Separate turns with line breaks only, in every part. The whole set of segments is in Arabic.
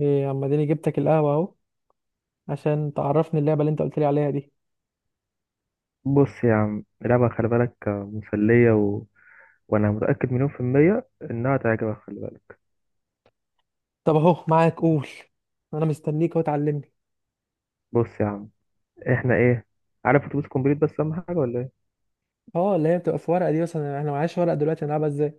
ايه اما اديني جبتك القهوة اهو عشان تعرفني اللعبة اللي انت قلت لي عليها دي.
بص يا عم، اللعبة خلي بالك مسلية و... وأنا متأكد مليون في المية إنها تعجبك. خلي بالك،
طب اهو معاك، قول. انا مستنيك اهو تعلمني.
بص يا عم، إحنا إيه؟ عارف أتوبيس كومبليت؟ بس أهم حاجة ولا إيه؟
اه، اللي هي بتبقى في ورقة دي مثلا، احنا معاش ورقة دلوقتي، هنلعبها ازاي؟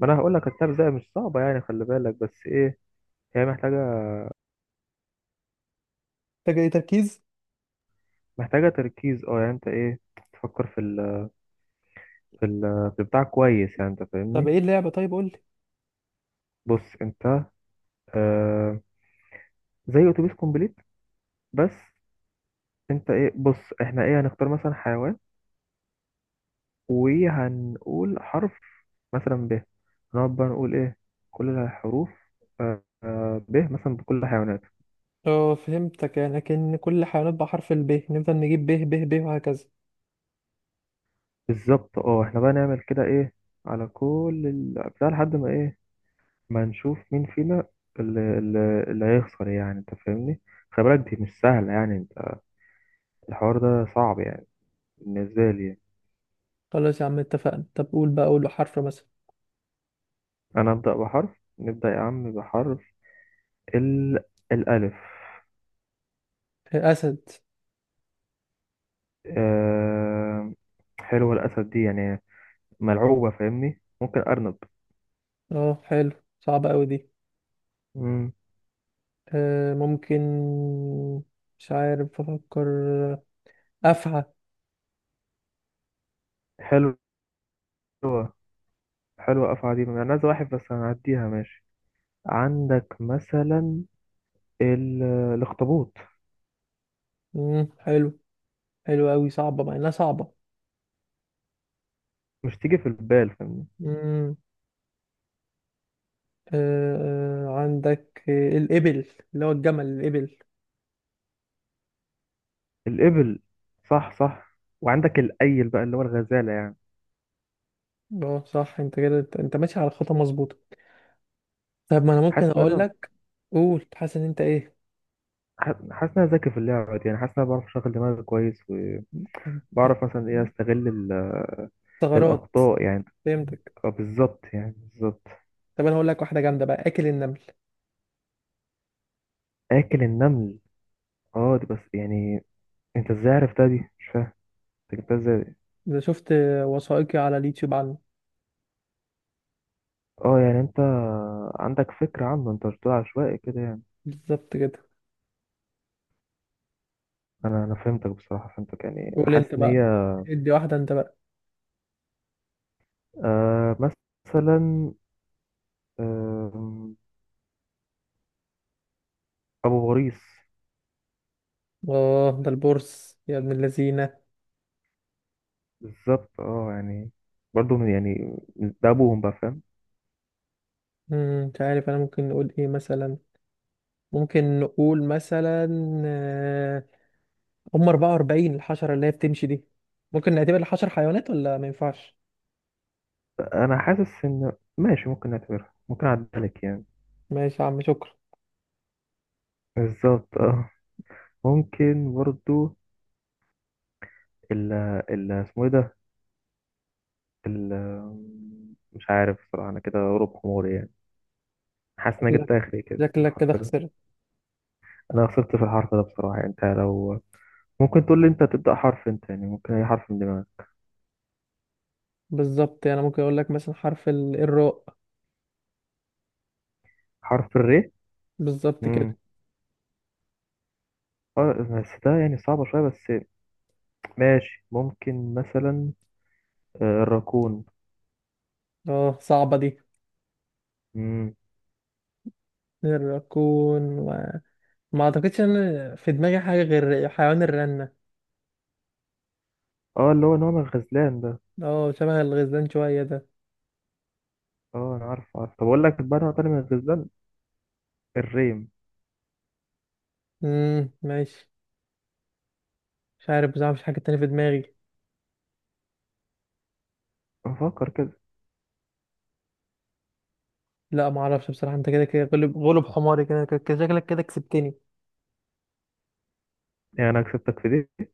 ما أنا هقول لك اللعبة زي مش صعبة يعني، خلي بالك بس إيه، هي محتاجة
محتاجة ايه؟ تركيز.
محتاجة تركيز، يعني أنت إيه، تفكر في ال في ال في بتاع كويس، يعني أنت
طب
فاهمني؟
ايه اللعبة؟ طيب قول لي.
بص أنت، آه زي أتوبيس كومبليت بس. أنت إيه، بص إحنا إيه، هنختار مثلا حيوان وهنقول حرف، مثلا ب، نقعد بقى نقول ايه كل الحروف، ب مثلا بكل الحيوانات.
اه، فهمتك يعني، لكن كل حيوانات بحرف ال ب، نفضل نجيب ب ب ب وهكذا.
بالظبط، احنا بقى نعمل كده ايه، على كل بتاع لحد ما ايه، ما نشوف مين فينا اللي هيخسر، يعني انت فاهمني؟ خلي بالك دي مش سهلة يعني، انت الحوار ده صعب يعني، بالنسبة لي يعني.
خلاص يا عم، اتفقنا. طب قول بقى، قول حرف مثلا.
انا ابدأ بحرف، نبدأ يا عم بحرف ال الألف.
آه، اسد.
آه... حلوة الأسد دي يعني، ملعوبة، فاهمني؟ ممكن أرنب.
اه حلو. صعبة قوي دي.
مم.
آه ممكن. مش عارف افكر. آه، افعى.
حلوة، حلوة أفعى دي، أنا عايز واحد بس هنعديها ماشي. عندك مثلا ال... الأخطبوط.
مم، حلو. حلو أوي، صعبة، مع إنها صعبة.
مش تيجي في البال، فاهمني؟
مم. آه. عندك الإبل، اللي هو الجمل، الإبل.
الإبل، صح صح، وعندك الأيل بقى اللي هو الغزالة يعني.
اه صح، أنت كده أنت ماشي على خطة مظبوطة. طب ما أنا ممكن
حاسس إن
أقول
أنا
لك، قول. حاسس إن أنت إيه؟
حاسس إن أنا ذكي في اللعبة دي يعني. حاسس إن أنا بعرف أشغل دماغي كويس،
أنت.
وبعرف مثلا إيه أستغل ال...
ثغرات.
الأخطاء يعني.
فهمتك.
بالظبط يعني، بالظبط.
طب أنا هقول لك واحدة جامدة بقى، آكل النمل.
آكل النمل؟ دي بس يعني، أنت إزاي عرفتها دي؟ مش فاهم، انت جبتها ازاي؟
إذا شفت وثائقي على اليوتيوب عنه.
اه يعني انت عندك فكرة عنه، انت مش بتقول عشوائي كده يعني.
بالظبط كده.
انا فهمتك بصراحة، فهمتك يعني، انا
قول أنت
حاسس ان
بقى.
هي.
ادي واحدة أنت بقى.
آه مثلا آه ابو غريس.
اه، ده البورس يا ابن اللذينة.
بالظبط اه يعني، برضو من يعني، ده ابوهم بقى، فاهم؟
مش عارف أنا، ممكن نقول إيه مثلا؟ ممكن نقول مثلا، آه، هم 44، الحشرة اللي هي بتمشي دي. ممكن نعتبر الحشر حيوانات ولا ما ينفعش؟
انا حاسس ان ماشي، ممكن نعتبرها، ممكن اعدها لك يعني.
ماشي يا عم، شكرا.
بالظبط اه، ممكن برضو ال ال اسمه ايه ده، ال مش عارف بصراحة. انا كده غروب حموري يعني، حاسس ان انا
شكلك
جبت اخري كده في
شكلك كده
الحرف ده.
خسرت.
انا خسرت في الحرف ده بصراحة يعني، انت لو ممكن تقول لي انت تبدأ حرف، انت يعني ممكن اي حرف من دماغك.
بالظبط، انا ممكن اقول لك مثلا حرف الراء.
حرف الري،
بالظبط كده.
امم اه بس ده يعني صعبة شوية بس. ماشي، ممكن مثلا الراكون.
اه صعبة دي.
امم
الراكون و... ما اعتقدش ان في دماغي حاجة غير حيوان الرنة.
اه اللي هو نوع من الغزلان ده.
اه، شبه الغزلان شوية ده.
اه انا عارف، عارف، طب اقول لك بقى نوع تاني من الغزلان، الريم.
ماشي. مش عارف بصراحة، مفيش حاجة تانية في دماغي.
افكر كده،
لا ما اعرفش بصراحة، انت كده كده غلب غلب حماري، كده كده كده. شكلك كده كسبتني.
يعني انا كسبتك في دي.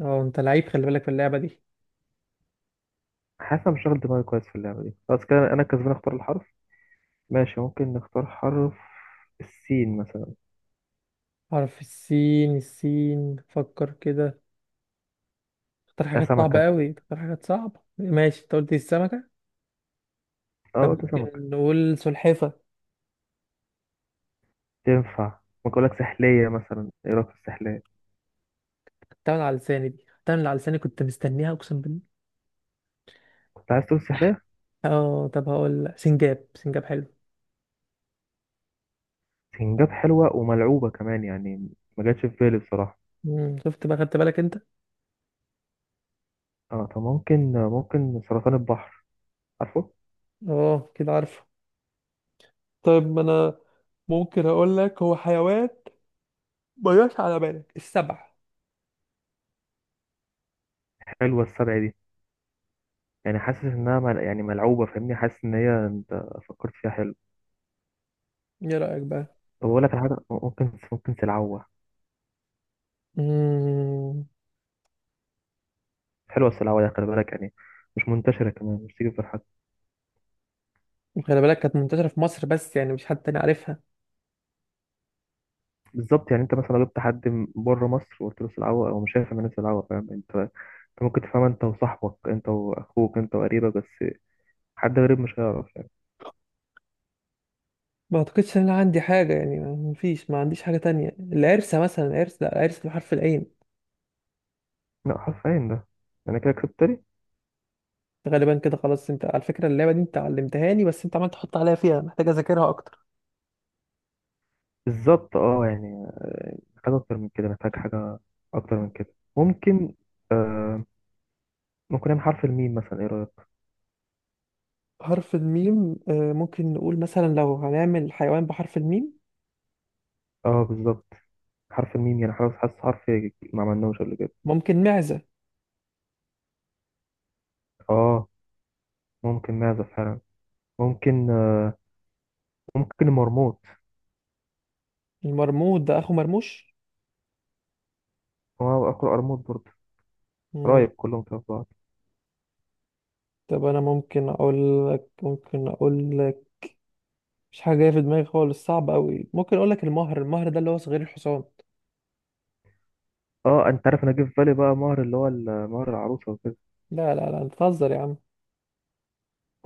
اه، انت لعيب، خلي بالك في اللعبة دي.
حاسس انا مش شغل دماغي كويس في اللعبة دي، خلاص كده انا كسبان. اختار الحرف، ماشي ممكن نختار حرف السين مثلا.
حرف السين، السين، فكر كده. اختار
آه،
حاجات صعبة
سمكة،
قوي، اختار حاجات صعبة، ماشي. انت قلت السمكة.
اه
طب
قلت سمكة،
ممكن نقول سلحفة.
تنفع. ممكن أقول لك سحلية مثلا، إيه رأيك في السحلية؟
بتعمل على لساني دي، بتعمل على لساني، كنت مستنيها اقسم بالله.
كنت عايز تقول سحلية؟
اه، طب هقول لأ، سنجاب. سنجاب حلو.
سنجاب، حلوة وملعوبة كمان يعني، ما جاتش في بالي بصراحة.
مم. شفت بقى، خدت بالك انت؟
اه طب، ممكن سرطان البحر، عارفه.
اه كده عارفه. طيب ما انا، ممكن اقول لك هو حيوان، ما جاش على بالك، السبع.
حلوة السبع دي، يعني حاسس إنها يعني ملعوبة، فاهمني؟ حاسس إن هي أنت فكرت فيها حلو.
ايه رأيك بقى؟
طب أقول لك على حاجة، ممكن سلعوة.
امم.
حلوة السلعوة دي، خلي بالك يعني، مش منتشرة كمان، مش تيجي في الحاجة.
خلي بالك كانت منتشرة في مصر بس، يعني مش حد تاني عارفها.
بالظبط يعني، انت مثلا لو جبت حد من بره مصر وقلت له العوة او، مش هيفهم. الناس العوة، فاهم؟ انت ممكن تفهمها، انت وصاحبك، انت واخوك، انت وقريبك بس. حد غريب مش هيعرف يعني.
ما اعتقدش ان انا عندي حاجه يعني، ما فيش، ما عنديش حاجه تانية. العرسه مثلا، العرس، لا، العرس بحرف العين.
لا حرفيا ده، انا كده كسبت لي.
غالبا كده خلاص. انت على فكره اللعبه دي انت علمتها لي، بس انت عمال تحط عليا فيها، محتاج اذاكرها اكتر.
بالظبط اه يعني، محتاج اكتر من كده، محتاج حاجة اكتر من كده. ممكن، آه ممكن نعمل حرف الميم مثلا، ايه رأيك؟
حرف الميم، ممكن نقول مثلا، لو هنعمل حيوان بحرف الميم.
اه بالظبط، حرف الميم، يعني حاسس، حاسس حرف ما عملناهوش قبل كده.
ممكن معزه.
اه ممكن معزة فعلا، ممكن ممكن مرموط.
المرمود ده اخو مرموش.
هو اقرأ مرموط برضه،
مم.
قرايب كلهم في بعض.
طب انا ممكن اقول لك مش حاجه جايه في دماغي خالص، صعب قوي. ممكن اقول لك المهر. المهر ده اللي هو صغير الحصان.
اه انت عارف، انا جه في بالي بقى مهر اللي هو مهر العروسه وكده.
لا لا لا، انت بتهزر يا عم.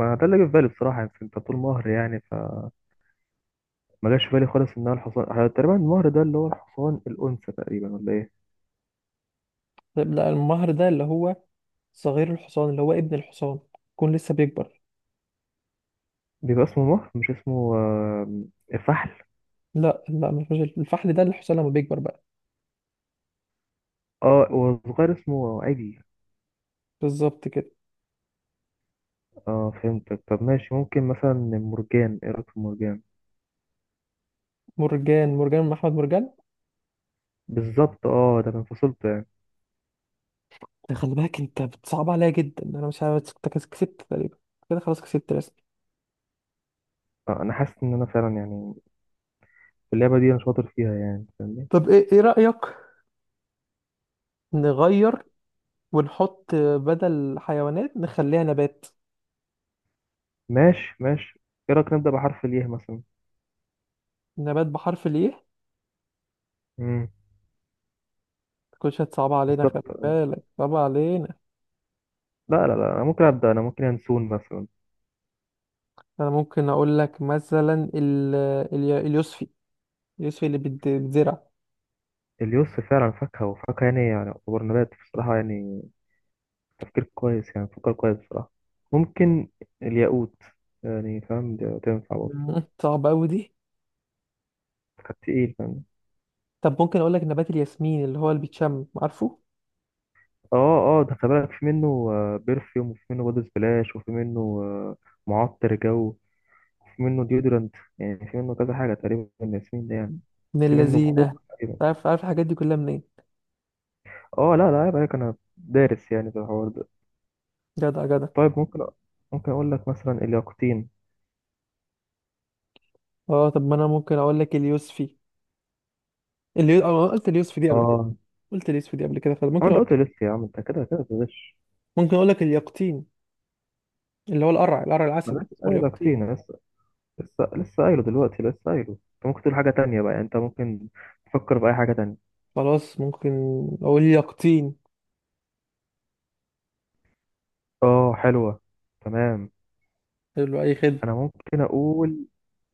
ما ده اللي جه في بالي بصراحه يعني، انت بتقول مهر يعني فما جاش في بالي خالص ان هو الحصان. اه، تقريبا المهر ده اللي هو الحصان الانثى تقريبا، ولا ايه؟
لا، المهر ده اللي هو صغير الحصان، اللي هو ابن الحصان، يكون لسه بيكبر.
بيبقى اسمه مهر، مش اسمه فحل؟
لا لا، ما فيهاش، الفحل ده الحصان لما بيكبر بقى.
اه والصغير اسمه عجل.
بالظبط كده.
اه فهمتك، طب ماشي ممكن مثلا مرجان، ايه رايك في مرجان؟
مرجان. مرجان من احمد مرجان.
بالظبط اه، ده من فصيلته يعني.
ده خلي بالك، انت بتصعب عليا جدا. انا مش عارف، أنت كسبت تقريبا، كده خلاص، كسبت رسمي.
اه، انا حاسس ان انا فعلا يعني في اللعبه دي انا شاطر فيها يعني، فاهمني؟
طب ايه رأيك نغير، ونحط بدل حيوانات نخليها نبات؟
ماشي ماشي، ايه رايك نبدا بحرف الياء مثلا؟
نبات بحرف الايه؟
مم.
كل هتصعب علينا، خلي
بالظبط،
بالك صعب علينا.
لا لا لا انا ممكن ابدا، انا ممكن ينسون مثلا.
انا ممكن اقول لك مثلا اليوسفي، اليوسفي اللي بتزرع.
اليوس فعلا فاكهه، وفاكهه يعني، يعني يعتبر نبات بصراحه يعني. تفكير كويس يعني، فكر كويس بصراحه. ممكن الياقوت، يعني فاهم؟ ده تنفع برضه،
مم. صعب قوي دي.
كانت تقيل، فاهم؟
طب ممكن اقول لك نبات الياسمين، اللي هو اللي بيتشم، عارفه.
اه، اه ده خلي بالك في منه بيرفيوم، وفي منه بودي سبلاش، وفي منه معطر جو، وفي منه ديودرنت، يعني في منه كذا حاجه تقريبا، الياسمين ده يعني
من
في منه
اللذينه.
بخور تقريبا.
عارف عارف الحاجات دي كلها منين.
اه لا لا، عيب عليك، انا دارس يعني في الحوار ده.
جدع جدع.
طيب، ممكن اقول لك مثلا الياقوتين.
اه، طب ما انا ممكن اقول لك اليوسفي. اللي أنا قلت اليوسفي دي قبل كده،
اه،
قلت اليوسفي دي قبل كده،
هو
فممكن
انت
اقول
قلت
لك،
لسه يا عم، انت كده كده بتغش.
ممكن اقول لك اليقطين، اللي هو القرع
ما
العسل
أنا لسه
اسمه
قايله
اليقطين.
كتير، لسه لسه لسه قايله دلوقتي، لسه قايله، انت ممكن تقول حاجه تانية بقى يعني، انت ممكن تفكر باي حاجه تانية.
خلاص، ممكن اقول يقطين.
اه حلوه، تمام.
حلو، اي خدمه.
انا ممكن اقول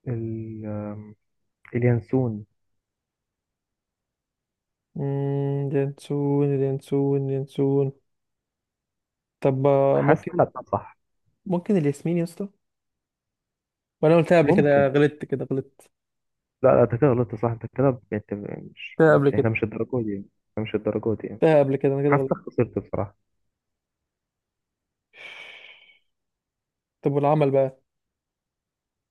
ال... آم، اليانسون.
امم، ينسون، ينسون، ينسون. طب
حاسس
ممكن،
ان انا بتاع صح.
ممكن الياسمين يا اسطى. وانا قلتها قبل كده،
ممكن،
غلطت كده، غلطت.
لا لا انت كده غلطت، صح انت كده مش
قلتها قبل
مش احنا
كده،
مش الدرجه دي يعني. احنا مش الدرجه دي يعني.
انا كده
حاسس
غلطت.
انك خسرت بصراحه.
طب والعمل بقى؟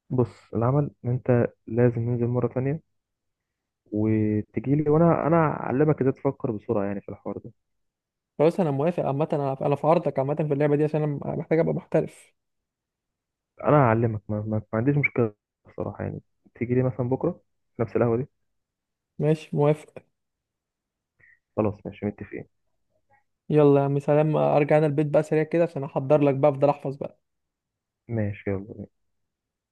بص، العمل إن انت لازم ننزل مره تانية، وتجي لي، وانا هعلمك ازاي تفكر بسرعه يعني في الحوار ده.
خلاص انا موافق، عامه انا في عرضك عامه في اللعبه دي، عشان انا محتاج ابقى محترف.
انا هعلمك، ما عنديش مشكله بصراحه يعني، تيجي لي مثلا بكره في نفس القهوه دي.
ماشي موافق.
خلاص ماشي متفقين.
يلا يا عم، سلام، ارجع انا البيت بقى سريع كده عشان احضر لك بقى، افضل احفظ بقى.
ماشي يلا.